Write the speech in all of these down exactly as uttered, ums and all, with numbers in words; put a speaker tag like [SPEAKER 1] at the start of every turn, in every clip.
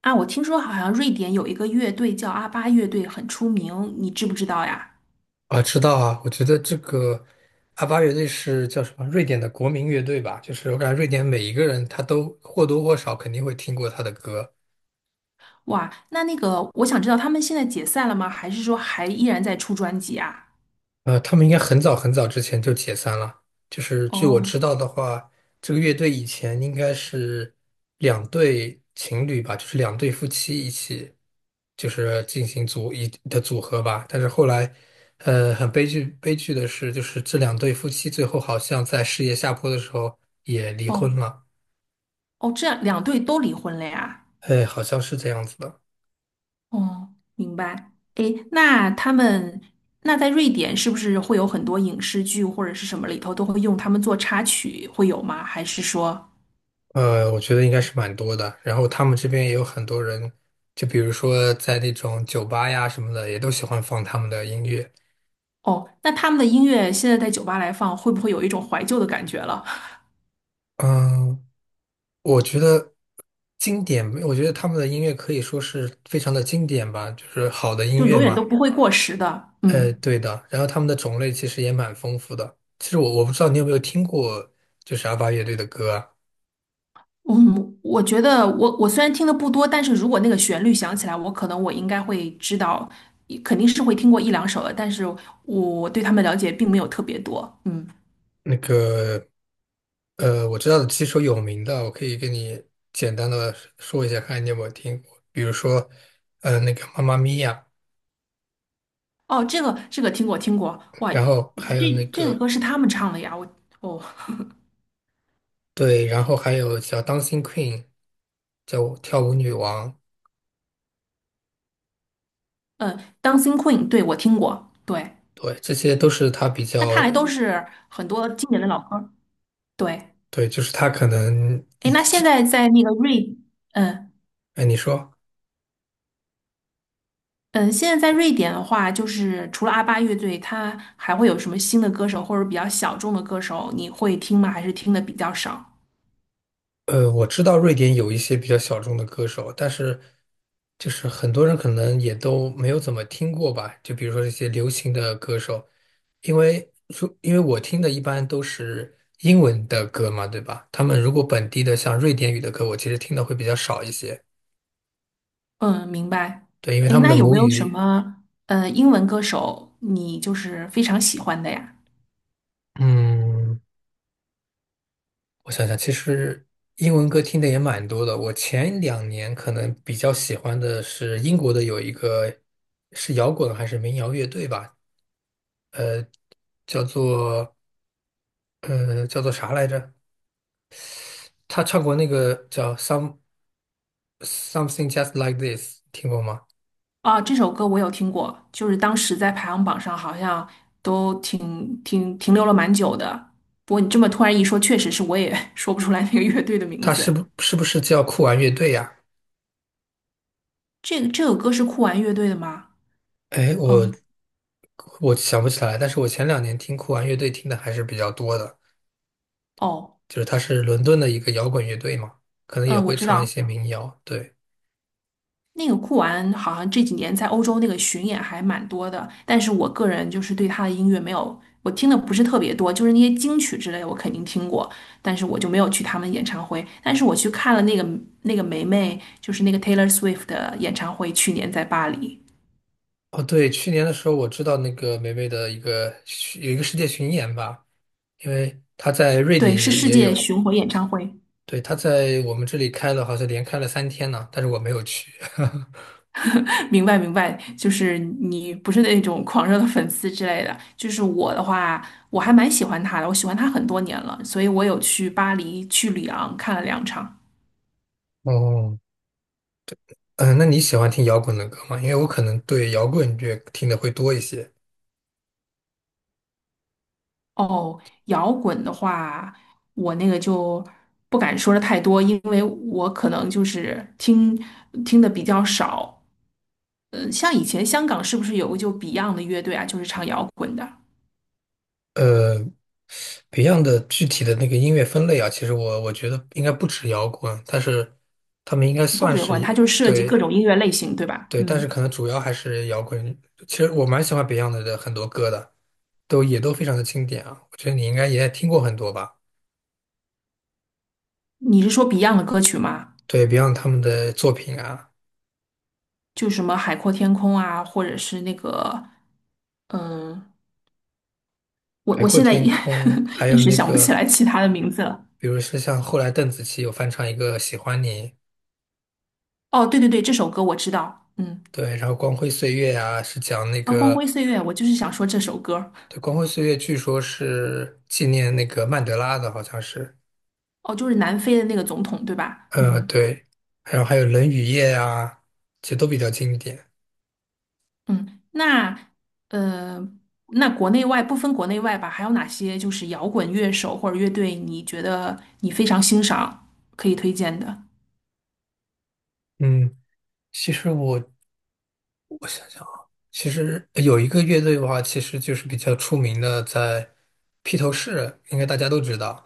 [SPEAKER 1] 啊，我听说好像瑞典有一个乐队叫阿巴乐队，很出名，你知不知道呀？
[SPEAKER 2] 啊，知道啊。我觉得这个阿巴乐队是叫什么？瑞典的国民乐队吧？就是我感觉瑞典每一个人他都或多或少肯定会听过他的歌。
[SPEAKER 1] 哇，那那个，我想知道他们现在解散了吗？还是说还依然在出专辑啊？
[SPEAKER 2] 呃，他们应该很早很早之前就解散了。就是据我
[SPEAKER 1] 哦
[SPEAKER 2] 知道的话，这个乐队以前应该是两对情侣吧，就是两对夫妻一起，就是进行组一的组合吧。但是后来，呃，很悲剧悲剧的是，就是这两对夫妻最后好像在事业下坡的时候也离
[SPEAKER 1] 哦
[SPEAKER 2] 婚了。
[SPEAKER 1] 哦，这样两队都离婚了呀？
[SPEAKER 2] 哎，好像是这样子的。
[SPEAKER 1] 哦，明白。诶，那他们那在瑞典是不是会有很多影视剧或者是什么里头都会用他们做插曲，会有吗？还是说，
[SPEAKER 2] 呃，我觉得应该是蛮多的。然后他们这边也有很多人，就比如说在那种酒吧呀什么的，也都喜欢放他们的音乐。
[SPEAKER 1] 哦，那他们的音乐现在在酒吧来放，会不会有一种怀旧的感觉了？
[SPEAKER 2] 嗯，我觉得经典，我觉得他们的音乐可以说是非常的经典吧，就是好的音
[SPEAKER 1] 就
[SPEAKER 2] 乐
[SPEAKER 1] 永远都
[SPEAKER 2] 嘛。
[SPEAKER 1] 不会过时的。
[SPEAKER 2] 呃，
[SPEAKER 1] 嗯。
[SPEAKER 2] 对的。然后他们的种类其实也蛮丰富的。其实我我不知道你有没有听过，就是阿巴乐队的歌啊，
[SPEAKER 1] 嗯，我觉得我我虽然听的不多，但是如果那个旋律响起来，我可能我应该会知道，肯定是会听过一两首的，但是我对他们了解并没有特别多。嗯，
[SPEAKER 2] 那个。呃，我知道的几首有名的，我可以跟你简单的说一下，看你有没有听过。比如说，呃，那个《妈妈咪呀》，
[SPEAKER 1] 哦，这个这个听过听过，哇，
[SPEAKER 2] 然后还有那
[SPEAKER 1] 这这个
[SPEAKER 2] 个
[SPEAKER 1] 歌是他们唱的呀，我哦，
[SPEAKER 2] 对，然后还有叫《当心 Queen》,叫跳舞女王，
[SPEAKER 1] 嗯，Dancing Queen，对，我听过，对，
[SPEAKER 2] 对，这些都是他比
[SPEAKER 1] 那看
[SPEAKER 2] 较
[SPEAKER 1] 来都是很多经典的老歌，对，
[SPEAKER 2] 对，就是他可能一
[SPEAKER 1] 诶，那现
[SPEAKER 2] 直，
[SPEAKER 1] 在在那个瑞，嗯。
[SPEAKER 2] 哎，你说。
[SPEAKER 1] 嗯，现在在瑞典的话，就是除了阿巴乐队，它还会有什么新的歌手或者比较小众的歌手，你会听吗？还是听的比较少？
[SPEAKER 2] 呃，我知道瑞典有一些比较小众的歌手，但是就是很多人可能也都没有怎么听过吧。就比如说这些流行的歌手，因为说因为我听的一般都是英文的歌嘛，对吧？他们如果本地的像瑞典语的歌，我其实听的会比较少一些。
[SPEAKER 1] 嗯，明白。
[SPEAKER 2] 对，因为
[SPEAKER 1] 诶，
[SPEAKER 2] 他们
[SPEAKER 1] 那
[SPEAKER 2] 的
[SPEAKER 1] 有
[SPEAKER 2] 母
[SPEAKER 1] 没有什
[SPEAKER 2] 语，
[SPEAKER 1] 么呃英文歌手你就是非常喜欢的呀？
[SPEAKER 2] 嗯，我想想，其实英文歌听的也蛮多的。我前两年可能比较喜欢的是英国的有一个是摇滚还是民谣乐队吧，叫做呃叫做啥来着？他唱过那个叫《Some Something Just Like This》,听过吗？
[SPEAKER 1] 啊，这首歌我有听过，就是当时在排行榜上好像都挺挺停留了蛮久的。不过你这么突然一说，确实是我也 说不出来那个乐队的名
[SPEAKER 2] 他是
[SPEAKER 1] 字。
[SPEAKER 2] 不是不是叫酷玩乐队呀、
[SPEAKER 1] 这个这首歌是酷玩乐队的吗？
[SPEAKER 2] 哎，
[SPEAKER 1] 哦
[SPEAKER 2] 我我想不起来，但是我前两年听酷玩乐队听的还是比较多的，
[SPEAKER 1] 哦，
[SPEAKER 2] 就是他是伦敦的一个摇滚乐队嘛，可能也
[SPEAKER 1] 嗯，我
[SPEAKER 2] 会
[SPEAKER 1] 知
[SPEAKER 2] 唱一
[SPEAKER 1] 道。
[SPEAKER 2] 些民谣。对，
[SPEAKER 1] 那个酷玩好像这几年在欧洲那个巡演还蛮多的，但是我个人就是对他的音乐没有，我听的不是特别多，就是那些金曲之类的我肯定听过，但是我就没有去他们演唱会。但是我去看了那个那个梅梅，就是那个 Taylor Swift 的演唱会，去年在巴黎，
[SPEAKER 2] 哦对，去年的时候我知道那个霉霉的一个有一个世界巡演吧，因为他在瑞
[SPEAKER 1] 对，
[SPEAKER 2] 典
[SPEAKER 1] 是
[SPEAKER 2] 也
[SPEAKER 1] 世
[SPEAKER 2] 也
[SPEAKER 1] 界
[SPEAKER 2] 有。
[SPEAKER 1] 巡回演唱会。
[SPEAKER 2] 对，他在我们这里开了，好像连开了三天呢，但是我没有去。
[SPEAKER 1] 明白明白，就是你不是那种狂热的粉丝之类的，就是我的话，我还蛮喜欢他的，我喜欢他很多年了，所以我有去巴黎、去里昂看了两场。
[SPEAKER 2] 哦，嗯，那你喜欢听摇滚的歌吗？因为我可能对摇滚乐听的会多一些。
[SPEAKER 1] 哦，摇滚的话，我那个就不敢说的太多，因为我可能就是听听的比较少。呃，像以前香港是不是有个就 Beyond 的乐队啊，就是唱摇滚的，
[SPEAKER 2] 呃，Beyond 的具体的那个音乐分类啊，其实我我觉得应该不止摇滚，但是他们应该
[SPEAKER 1] 不
[SPEAKER 2] 算
[SPEAKER 1] 止摇
[SPEAKER 2] 是
[SPEAKER 1] 滚，它
[SPEAKER 2] 一
[SPEAKER 1] 就涉及
[SPEAKER 2] 对
[SPEAKER 1] 各种音乐类型，对吧？
[SPEAKER 2] 对，但是
[SPEAKER 1] 嗯，
[SPEAKER 2] 可能主要还是摇滚。其实我蛮喜欢 Beyond 的很多歌的，都也都非常的经典啊。我觉得你应该也听过很多吧？
[SPEAKER 1] 你是说 Beyond 的歌曲吗？
[SPEAKER 2] 对 Beyond 他们的作品啊。
[SPEAKER 1] 就什么《海阔天空》啊，或者是那个，嗯、我
[SPEAKER 2] 海
[SPEAKER 1] 我
[SPEAKER 2] 阔
[SPEAKER 1] 现在
[SPEAKER 2] 天
[SPEAKER 1] 一
[SPEAKER 2] 空，还
[SPEAKER 1] 一
[SPEAKER 2] 有
[SPEAKER 1] 时
[SPEAKER 2] 那
[SPEAKER 1] 想不起
[SPEAKER 2] 个，
[SPEAKER 1] 来其他的名字了。
[SPEAKER 2] 比如说像后来邓紫棋有翻唱一个《喜欢你》，
[SPEAKER 1] 哦，对对对，这首歌我知道，嗯，
[SPEAKER 2] 对，然后《光辉岁月》啊，是讲那
[SPEAKER 1] 啊，《光
[SPEAKER 2] 个，
[SPEAKER 1] 辉岁月》，我就是想说这首歌。
[SPEAKER 2] 对，《光辉岁月》据说是纪念那个曼德拉的，好像是，
[SPEAKER 1] 哦，就是南非的那个总统，对吧？
[SPEAKER 2] 呃，
[SPEAKER 1] 嗯
[SPEAKER 2] 对，然后还有《冷雨夜》啊，其实都比较经典。
[SPEAKER 1] 嗯，那呃，那国内外不分国内外吧，还有哪些就是摇滚乐手或者乐队，你觉得你非常欣赏，可以推荐的？
[SPEAKER 2] 嗯，其实我我想想啊，其实有一个乐队的话，其实就是比较出名的，在披头士，应该大家都知道，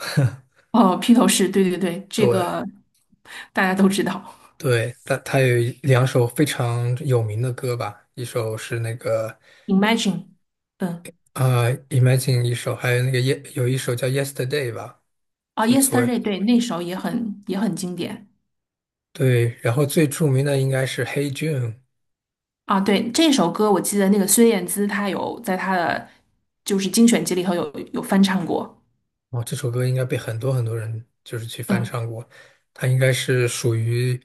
[SPEAKER 1] 哦，披头士，对对对，这
[SPEAKER 2] 对。
[SPEAKER 1] 个大家都知道。
[SPEAKER 2] 对，他他有两首非常有名的歌吧，一首是那个
[SPEAKER 1] Imagine，嗯，
[SPEAKER 2] 啊、呃，Imagine》,一首还有那个耶，有一首叫《Yesterday》吧，
[SPEAKER 1] 啊
[SPEAKER 2] 就昨
[SPEAKER 1] ，Yesterday，对，那首也很也很经典
[SPEAKER 2] 对，然后最著名的应该是《Hey Jude》,
[SPEAKER 1] 啊。对，这首歌我记得那个孙燕姿她有在她的就是精选集里头有有翻唱过。
[SPEAKER 2] 哦，这首歌应该被很多很多人就是去翻
[SPEAKER 1] 嗯。
[SPEAKER 2] 唱过，它应该是属于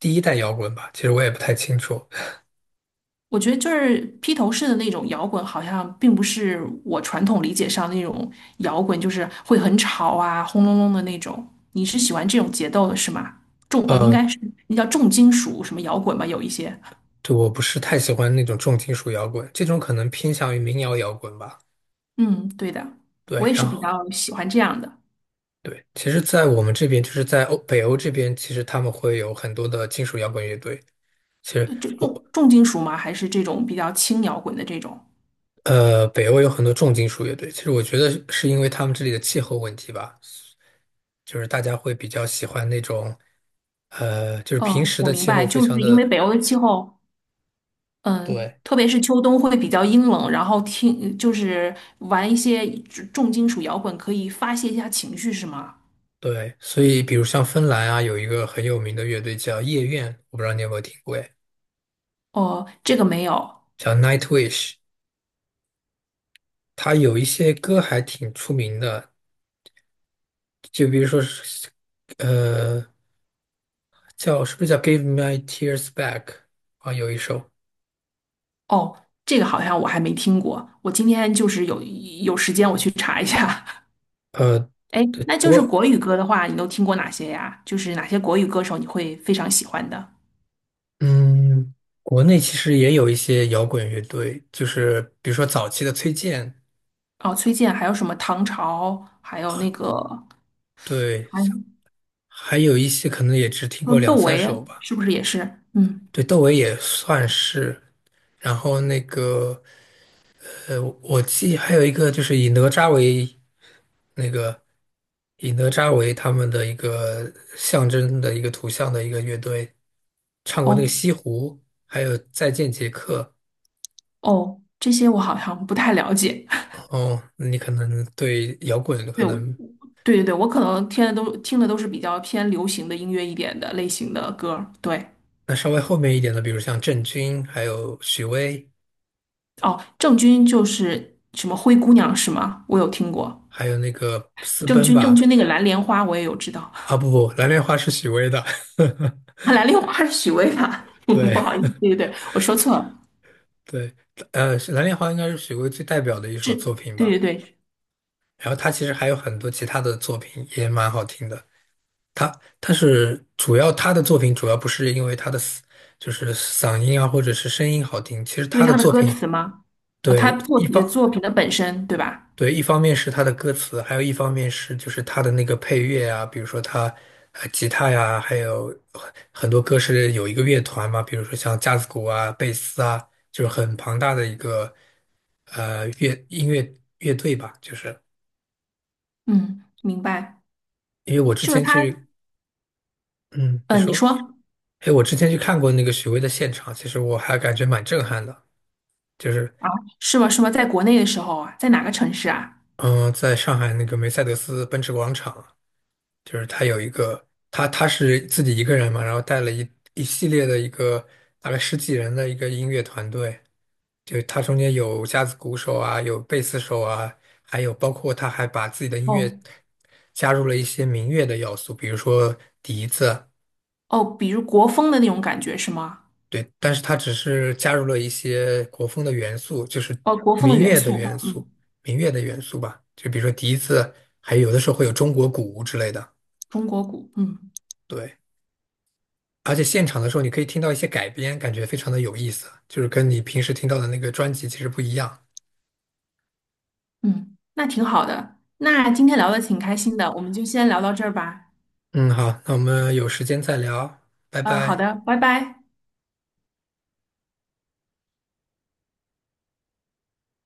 [SPEAKER 2] 第一代摇滚吧，其实我也不太清楚，
[SPEAKER 1] 我觉得就是披头士的那种摇滚，好像并不是我传统理解上那种摇滚，就是会很吵啊、轰隆隆的那种。你是喜欢这种节奏的是吗？重哦，应
[SPEAKER 2] 呃，
[SPEAKER 1] 该是那叫重金属什么摇滚吗？有一些。
[SPEAKER 2] 对，我不是太喜欢那种重金属摇滚，这种可能偏向于民谣摇滚吧，
[SPEAKER 1] 嗯，对的，我
[SPEAKER 2] 对，
[SPEAKER 1] 也
[SPEAKER 2] 然
[SPEAKER 1] 是比
[SPEAKER 2] 后。
[SPEAKER 1] 较喜欢这样的。
[SPEAKER 2] 对，其实，在我们这边，就是在欧北欧这边，其实他们会有很多的金属摇滚乐队。其实
[SPEAKER 1] 呃就
[SPEAKER 2] 我
[SPEAKER 1] 重重金属吗？还是这种比较轻摇滚的这种？
[SPEAKER 2] 呃，北欧有很多重金属乐队。其实我觉得是因为他们这里的气候问题吧，就是大家会比较喜欢那种呃，就是平
[SPEAKER 1] 嗯，
[SPEAKER 2] 时
[SPEAKER 1] 我
[SPEAKER 2] 的
[SPEAKER 1] 明
[SPEAKER 2] 气
[SPEAKER 1] 白，
[SPEAKER 2] 候非
[SPEAKER 1] 就
[SPEAKER 2] 常
[SPEAKER 1] 是因为
[SPEAKER 2] 的
[SPEAKER 1] 北欧的气候。嗯，
[SPEAKER 2] 对，
[SPEAKER 1] 特别是秋冬会比较阴冷，然后听就是玩一些重金属摇滚，可以发泄一下情绪，是吗？
[SPEAKER 2] 对，所以比如像芬兰啊，有一个很有名的乐队叫夜愿，我不知道你有没有听过哎
[SPEAKER 1] 哦，这个没有，
[SPEAKER 2] 叫 Nightwish,它有一些歌还挺出名的，就比如说是，呃。叫是不是叫《Give My Tears Back》啊？有一首，
[SPEAKER 1] 哦，这个好像我还没听过。我今天就是有有时间我去查一下。
[SPEAKER 2] 呃，
[SPEAKER 1] 哎，
[SPEAKER 2] 对，
[SPEAKER 1] 那
[SPEAKER 2] 不
[SPEAKER 1] 就是
[SPEAKER 2] 过
[SPEAKER 1] 国语歌的话，你都听过哪些呀？就是哪些国语歌手你会非常喜欢的？
[SPEAKER 2] 嗯，国内其实也有一些摇滚乐队，就是比如说早期的崔健，
[SPEAKER 1] 哦，崔健，还有什么唐朝，还有那个，
[SPEAKER 2] 对，
[SPEAKER 1] 还
[SPEAKER 2] 还有一些可能也只听
[SPEAKER 1] 有
[SPEAKER 2] 过
[SPEAKER 1] 窦
[SPEAKER 2] 两三
[SPEAKER 1] 唯，
[SPEAKER 2] 首吧。
[SPEAKER 1] 是不是也是？嗯，
[SPEAKER 2] 对，窦唯也算是，然后那个呃，我记还有一个就是以哪吒为那个以哪吒为他们的一个象征的一个图像的一个乐队，唱过那个
[SPEAKER 1] 哦
[SPEAKER 2] 《西湖》，还有《再见杰克》。
[SPEAKER 1] 哦，这些我好像不太了解。
[SPEAKER 2] 哦，你可能对摇滚可
[SPEAKER 1] 对，我
[SPEAKER 2] 能
[SPEAKER 1] 对对对，我可能听的都听的都是比较偏流行的音乐一点的类型的歌儿对，
[SPEAKER 2] 那稍微后面一点的，比如像郑钧，还有许巍，
[SPEAKER 1] 哦，郑钧就是什么灰姑娘是吗？我有听过
[SPEAKER 2] 还有那个私
[SPEAKER 1] 郑
[SPEAKER 2] 奔
[SPEAKER 1] 钧，郑
[SPEAKER 2] 吧。
[SPEAKER 1] 钧那个蓝莲花我也有知道，
[SPEAKER 2] 啊，不不，蓝莲花是许巍的。
[SPEAKER 1] 蓝莲花是许巍吧？
[SPEAKER 2] 对
[SPEAKER 1] 不好意思，对对对，我说错了，
[SPEAKER 2] 对，呃，蓝莲花应该是许巍最代表的一首
[SPEAKER 1] 是，
[SPEAKER 2] 作品
[SPEAKER 1] 对
[SPEAKER 2] 吧。
[SPEAKER 1] 对对，是
[SPEAKER 2] 然后他其实还有很多其他的作品也蛮好听的。他他是主要他的作品主要不是因为他的嘶就是嗓音啊或者是声音好听，其实
[SPEAKER 1] 因为
[SPEAKER 2] 他的
[SPEAKER 1] 他的
[SPEAKER 2] 作
[SPEAKER 1] 歌
[SPEAKER 2] 品
[SPEAKER 1] 词吗？哦，他
[SPEAKER 2] 对，
[SPEAKER 1] 作
[SPEAKER 2] 一方
[SPEAKER 1] 品作品的本身对吧？
[SPEAKER 2] 对，一方面是他的歌词，还有一方面是就是他的那个配乐啊，比如说他，呃吉他呀，还有很很多歌是有一个乐团嘛，比如说像架子鼓啊、贝斯啊，就是很庞大的一个呃乐音乐乐队吧。就是
[SPEAKER 1] 嗯，明白，
[SPEAKER 2] 因为我之
[SPEAKER 1] 就是
[SPEAKER 2] 前
[SPEAKER 1] 他，
[SPEAKER 2] 去，嗯，你
[SPEAKER 1] 呃，你
[SPEAKER 2] 说，
[SPEAKER 1] 说
[SPEAKER 2] 哎，我之前去看过那个许巍的现场，其实我还感觉蛮震撼的，就是
[SPEAKER 1] 啊，是吗？是吗？在国内的时候啊，在哪个城市啊？
[SPEAKER 2] 嗯、呃在上海那个梅赛德斯奔驰广场。就是他有一个，他他是自己一个人嘛，然后带了一一系列的一个大概十几人的一个音乐团队，就他中间有架子鼓手啊，有贝斯手啊，还有包括他还把自己的音乐
[SPEAKER 1] 哦。
[SPEAKER 2] 加入了一些民乐的要素，比如说笛子，
[SPEAKER 1] 哦，比如国风的那种感觉是吗？
[SPEAKER 2] 对，但是他只是加入了一些国风的元素，就是
[SPEAKER 1] 哦，国风的
[SPEAKER 2] 民
[SPEAKER 1] 元
[SPEAKER 2] 乐的
[SPEAKER 1] 素，
[SPEAKER 2] 元
[SPEAKER 1] 嗯，
[SPEAKER 2] 素，民乐的元素吧，就比如说笛子，还有的时候会有中国鼓之类的，
[SPEAKER 1] 中国鼓，嗯
[SPEAKER 2] 对。而且现场的时候，你可以听到一些改编，感觉非常的有意思，就是跟你平时听到的那个专辑其实不一样。
[SPEAKER 1] 嗯，那挺好的。那今天聊的挺开心的，我们就先聊到这儿吧。
[SPEAKER 2] 嗯，好，那我们有时间再聊，拜
[SPEAKER 1] 呃，好
[SPEAKER 2] 拜。
[SPEAKER 1] 的，拜拜。